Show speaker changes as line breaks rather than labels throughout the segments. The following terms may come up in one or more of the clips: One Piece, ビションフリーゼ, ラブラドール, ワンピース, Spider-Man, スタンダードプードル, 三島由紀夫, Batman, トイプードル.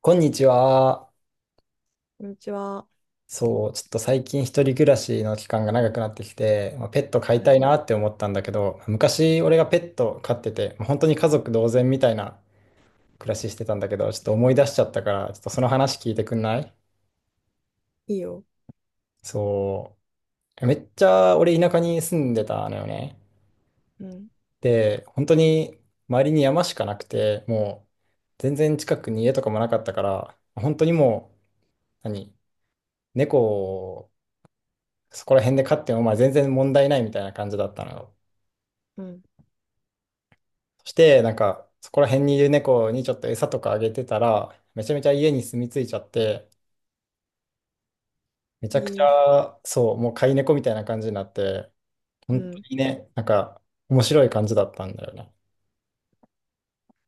こんにちは。
こんにちは。
そう、ちょっと最近一人暮らしの期間が長くなってきて、ペット飼い
は
た
い。
いなって思ったんだけど、昔俺がペット飼ってて、本当に家族同然みたいな暮らししてたんだけど、ちょっと思い出しちゃったから、ちょっとその話聞いてくんない？
いいよ。
そう。めっちゃ俺田舎に住んでたのよね。
うん。
で、本当に周りに山しかなくて、もう全然近くに家とかもなかったから、本当にもう、何、猫そこら辺で飼っても全然問題ないみたいな感じだったのよ。
うん。
そして、そこら辺にいる猫にちょっと餌とかあげてたら、めちゃめちゃ家に住み着いちゃって、めち
え
ゃくち
ー
ゃ、そう、もう飼い猫みたいな感じになって、
う
本当
ん。
にね、なんか、面白い感じだったんだよね。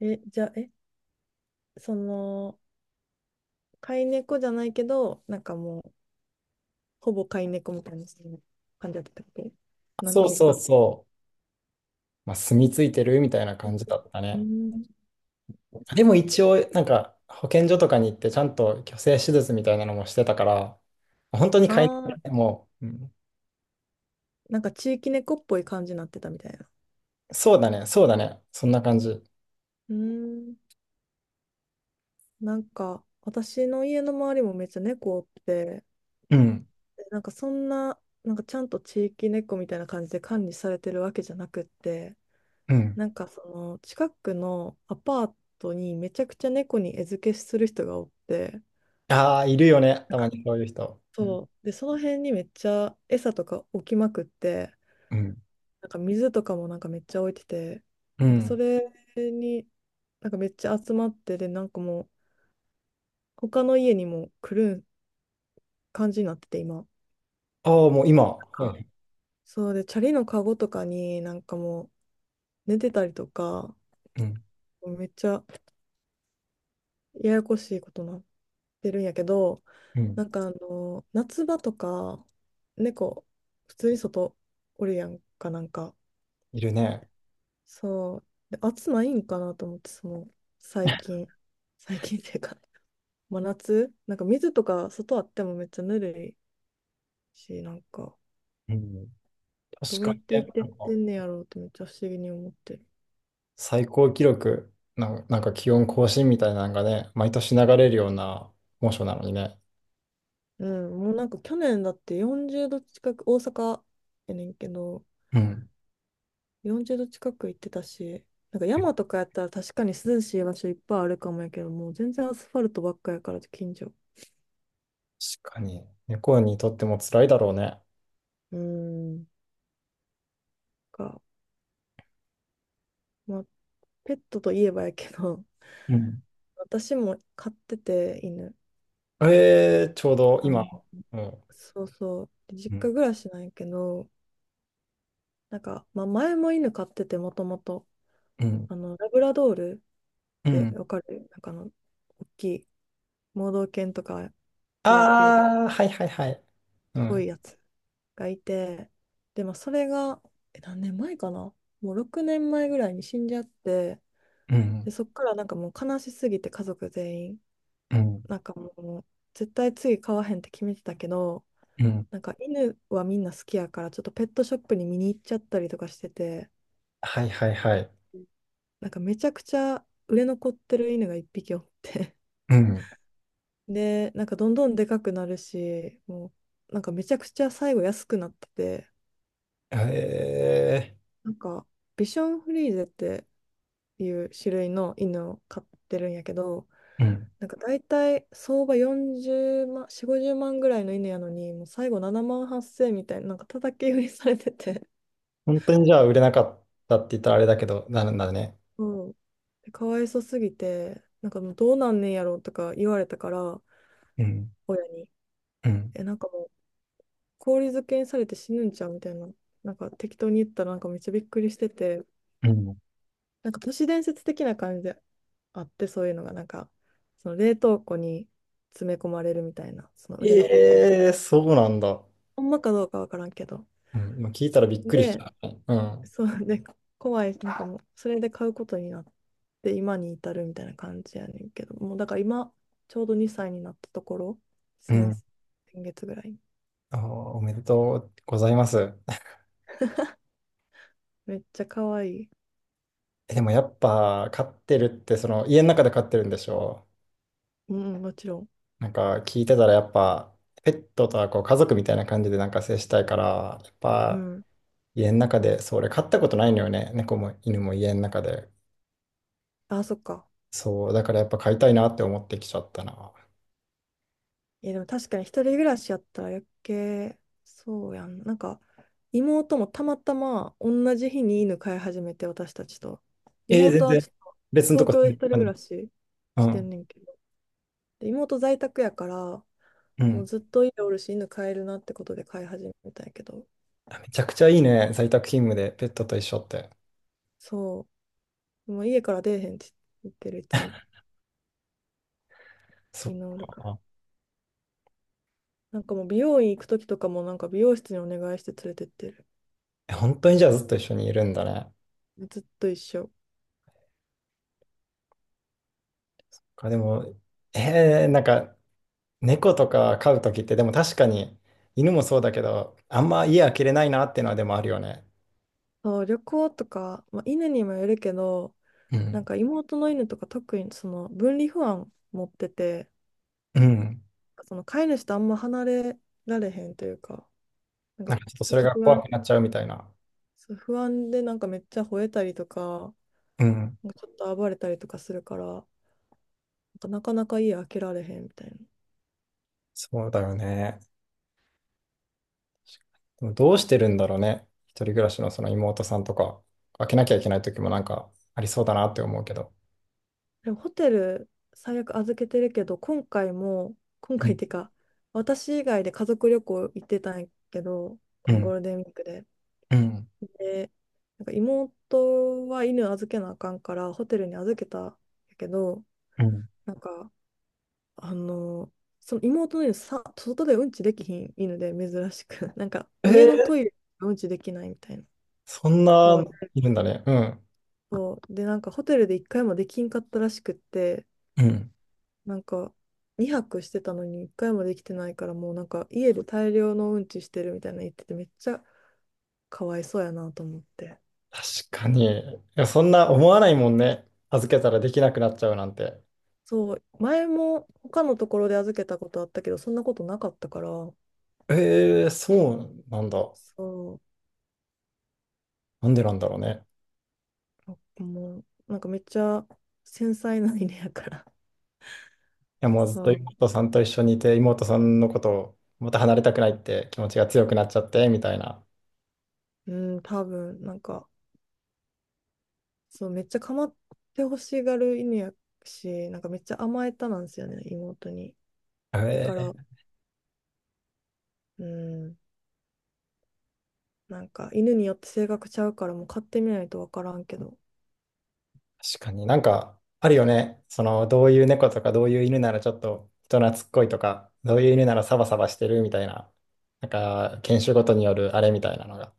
え、じゃあ、その、飼い猫じゃないけど、なんかもう、ほぼ飼い猫みたいな感じだったっけ、なん
そう
ていう
そう
か。
そう、まあ、住み着いてるみたいな感じだった
う
ね。
ん。
でも一応、保健所とかに行って、ちゃんと去勢手術みたいなのもしてたから、本当に飼い猫
ああ、
ね、もう、うん。
なんか地域猫っぽい感じになってたみたいな。
そうだね、そうだね、そんな感じ。
うん。なんか、私の家の周りもめっちゃ猫おって、
うん
でなんかそんな、なんかちゃんと地域猫みたいな感じで管理されてるわけじゃなくって、
うん。
なんかその近くのアパートにめちゃくちゃ猫に餌付けする人がおって、
ああ、いるよね。
な
た
ん
ま
か、
にそういう人。うん。
そう。で、その辺にめっちゃ餌とか置きまくって、
うん。
なんか水とかもなんかめっちゃ置いてて、
う
なんかそ
ん。
れになんかめっちゃ集まって、で、なんかもう他の家にも来る感じになってて、今。
ああ、もう今。は
か
い。
そうで、チャリのカゴとかになんかもう寝てたりとか、
うん。
めっちゃややこしいことになってるんやけど、
うん。
なんかあの、夏場とか、猫、普通に外おるやんか、なんか。
いるね。
そう。で、暑ないんかなと思って、その、最近。最近っていうか、真夏なんか水とか外あってもめっちゃぬるいし、なんか、
うん。
ど
確
うや
か
っ
に
て
ね。
生きてってんねやろうってめっちゃ不思議に思ってる。
最高記録、なんか気温更新みたいなのがね、毎年流れるような猛暑なのにね。
うん、もうなんか去年だって40度近く、大阪やねんけど、
うん。
40度近く行ってたし、なんか山とかやったら確かに涼しい場所いっぱいあるかもやけど、もう全然アスファルトばっかやから、近所。
確かに。猫にとっても辛いだろうね。
うーん。か、まあ、ペットといえばやけど、
うん。
私も飼ってて、犬。
えー、ちょうど
あ
今。
の、
うん。
そうそう。で実
うん。
家暮らしなんやけど、なんか、まあ、前も犬飼ってて、もともと、
うん。
ラブラドールっ
う
て
ん。
わかる、なんか大きい、盲導犬とかでよくいる、
ああー、はいはいはい。う
すごい
ん。
やつ。がいて、で、まあ、それが、え何年前かな、もう6年前ぐらいに死んじゃって、
うん。
で、そっからなんかもう悲しすぎて家族全員、
うん。
なんかもう絶対次飼わへんって決めてたけど、
うん。
なんか犬はみんな好きやから、ちょっとペットショップに見に行っちゃったりとかしてて、
はいはいはい。
なんかめちゃくちゃ売れ残ってる犬が一匹おって、
うん。
で、なんかどんどんでかくなるし、もうなんかめちゃくちゃ最後安くなってて、
へえ。
なんかビションフリーゼっていう種類の犬を飼ってるんやけど、
うん、
なんか大体相場40万、4、50万ぐらいの犬やのに、もう最後7万8千みたいな、なんか叩き売りされてて、
本当にじゃあ売れなかったって言ったらあれだけど、なるんだね。
うん。でかわいそうすぎて、なんかもうどうなんねんやろとか言われたから、
うん、
親に、
うん、
なんかもう氷漬けにされて死ぬんちゃうみたいな、なんか適当に言ったらなんかめっちゃびっくりしてて、
うん、
なんか都市伝説的な感じであって、そういうのが、なんか、その冷凍庫に詰め込まれるみたいな、その売れ残った。
ええ、そうなんだ。
ほんまかどうかわからんけど。
うん、今聞いたらびっくりし
で、
た。うん。
そうで、怖い、なんかもう、それで買うことになって、今に至るみたいな感じやねんけど、もうだから今、ちょうど2歳になったところ、
う
先、
ん。
先月ぐらい。
あー、おめでとうございます。
めっちゃ可愛い。
えでもやっぱ飼ってるってその家の中で飼ってるんでしょ？
うん、もちろん。
聞いてたらやっぱペットとはこう家族みたいな感じで接したいからやっ
う
ぱ
ん。
家の中でそれ飼ったことないのよね。猫も犬も家の中で。
あ、そっか。
そう、だからやっぱ買いたいなって思ってきちゃったな。
いや、でも確かに一人暮らしやったら余計、そうやん。なんか、妹もたまたま同じ日に犬飼い始めて、私たちと。
ええ全
妹は
然。
ちょっ
別の
と
と
東
こ
京
住
で
ん
一
で
人
たの
暮
に。
らし
う
してん
ん。
ねんけど。で、妹在宅やから、
う
もう
ん。
ずっと家おるし、犬飼えるなってことで飼い始めたんやけど、
めちゃくちゃいいね。在宅勤務でペットと一緒って。
そう、もう家から出えへんって言ってる、いつも。
そっ
みんなおるから。
か。
なんかもう美容院行くときとかも、なんか美容室にお願いして連れてってる。
え、本当にじゃあずっと一緒にいるんだね。
ずっと一緒。
かでも、えー、猫とか飼うときって、でも確かに犬もそうだけど、あんま家開けれないなっていうのはでもあるよね。
そう、旅行とか、まあ、犬にもよるけど、
う
なん
ん。
か妹の犬とか特にその分離不安持ってて、
うん。
その飼い主とあんま離れられへんというか、なんか
なんかちょっと
ちょっ
それ
と
が
不
怖
安、
くなっちゃうみたいな。
そう不安でなんかめっちゃ吠えたりとか、
うん。
なんかちょっと暴れたりとかするから、なんかなかなか家開けられへんみたいな。
そうだよね。でもどうしてるんだろうね。一人暮らしのその妹さんとか、開けなきゃいけない時もなんかありそうだなって思うけど。
でもホテル最悪預けてるけど、今回も、今
う
回っ
ん
ていうか、私以外で家族旅行行ってたんやけど、
う
このゴー
ん
ルデンウィークで。
うん
で、なんか妹は犬預けなあかんから、ホテルに預けたんやけど、
うん。
なんか、あの、その妹の犬さ、外でうんちできひん犬で珍しく、なんか
え
家の
ー、
トイレでうんちできないみたいな。
そん
こう
な
ね、
いるんだね。うん。
そう。で、なんかホテルで一回もできんかったらしくって、
うん、
なんか2泊してたのに一回もできてないから、もうなんか家で大量のうんちしてるみたいなの言ってて、めっちゃかわいそうやなと思って。
確かに。いや、そんな思わないもんね。預けたらできなくなっちゃうなんて。
そう。前も他のところで預けたことあったけど、そんなことなかったから、
えー、そうなんだ。
そ
なんでなんだろうね。
う。もう、なんかめっちゃ繊細な犬やから。
いや、もうずっと
そう。
妹さんと一緒にいて、妹さんのことをまた離れたくないって気持ちが強くなっちゃって、みたいな。
うん、多分、なんか、そう、めっちゃ構ってほしがる犬やし、なんかめっちゃ甘えたなんですよね、妹に。だ
え
か
ー。
ら、うん、なんか犬によって性格ちゃうからもう飼ってみないとわからんけど。
確かになんかあるよね。その、どういう猫とか、どういう犬ならちょっと人懐っこいとか、どういう犬ならサバサバしてるみたいな、なんか犬種ごとによるあれみたいなのが。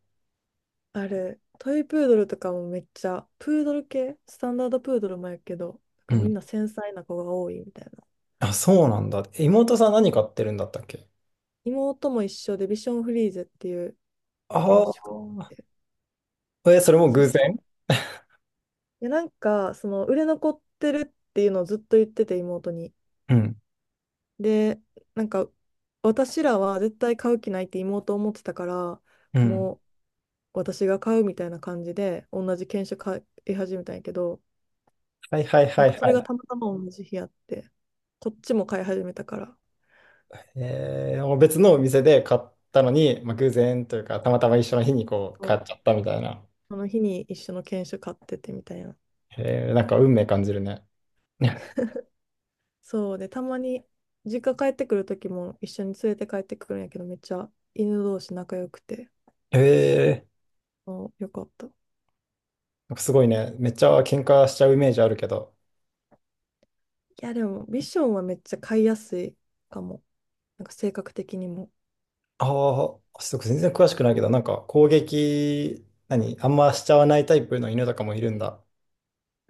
あれ、トイプードルとかもめっちゃ、プードル系、スタンダードプードルもやけど、なん
う
かみん
ん。
な繊細な子が多いみたいな。
あ、そうなんだ。え妹さん何飼ってるんだったっけ？
妹も一緒でビションフリーゼっていう犬種があっ
あ
て、
あ。え、それも
そう、
偶
い
然？
や、なんか、その売れ残ってるっていうのをずっと言ってて妹に。
うん。
で、なんか私らは絶対買う気ないって妹思ってたから、
うん。
もう、私が買うみたいな感じで、同じ犬種買い始めたんやけど、
はいはい
な
は
んか
い
そ
は
れが
い。
たまたま同じ日あって、こっちも買い始めたから、
えー、もう別のお店で買ったのに、まあ、偶然というか、たまたま一緒の日にこう
そ
買
う、
っちゃったみたいな。
その日に一緒の犬種買っててみたいな。
えー、なんか運命感じるね。
そうで、たまに実家帰ってくる時も一緒に連れて帰ってくるんやけど、めっちゃ犬同士仲良くて、
え、
そう、よかった。い
なんかすごいね、めっちゃ喧嘩しちゃうイメージあるけど、
や、でもビションはめっちゃ飼いやすいかも。なんか性格的にも。
ああ、ちょっと全然詳しくないけど、なんか攻撃、何、あんましちゃわないタイプの犬とかもいるんだ。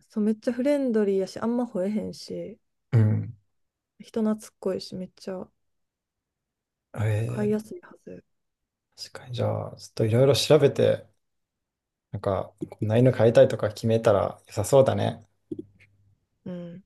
そう、めっちゃフレンドリーやし、あんま吠えへんし、
うん。
人懐っこいし、めっちゃ飼
え
いや
え、
すいはず。
確かに。じゃあ、ちょっといろいろ調べて、なんか、こんな犬飼いたいとか決めたら良さそうだね。
うん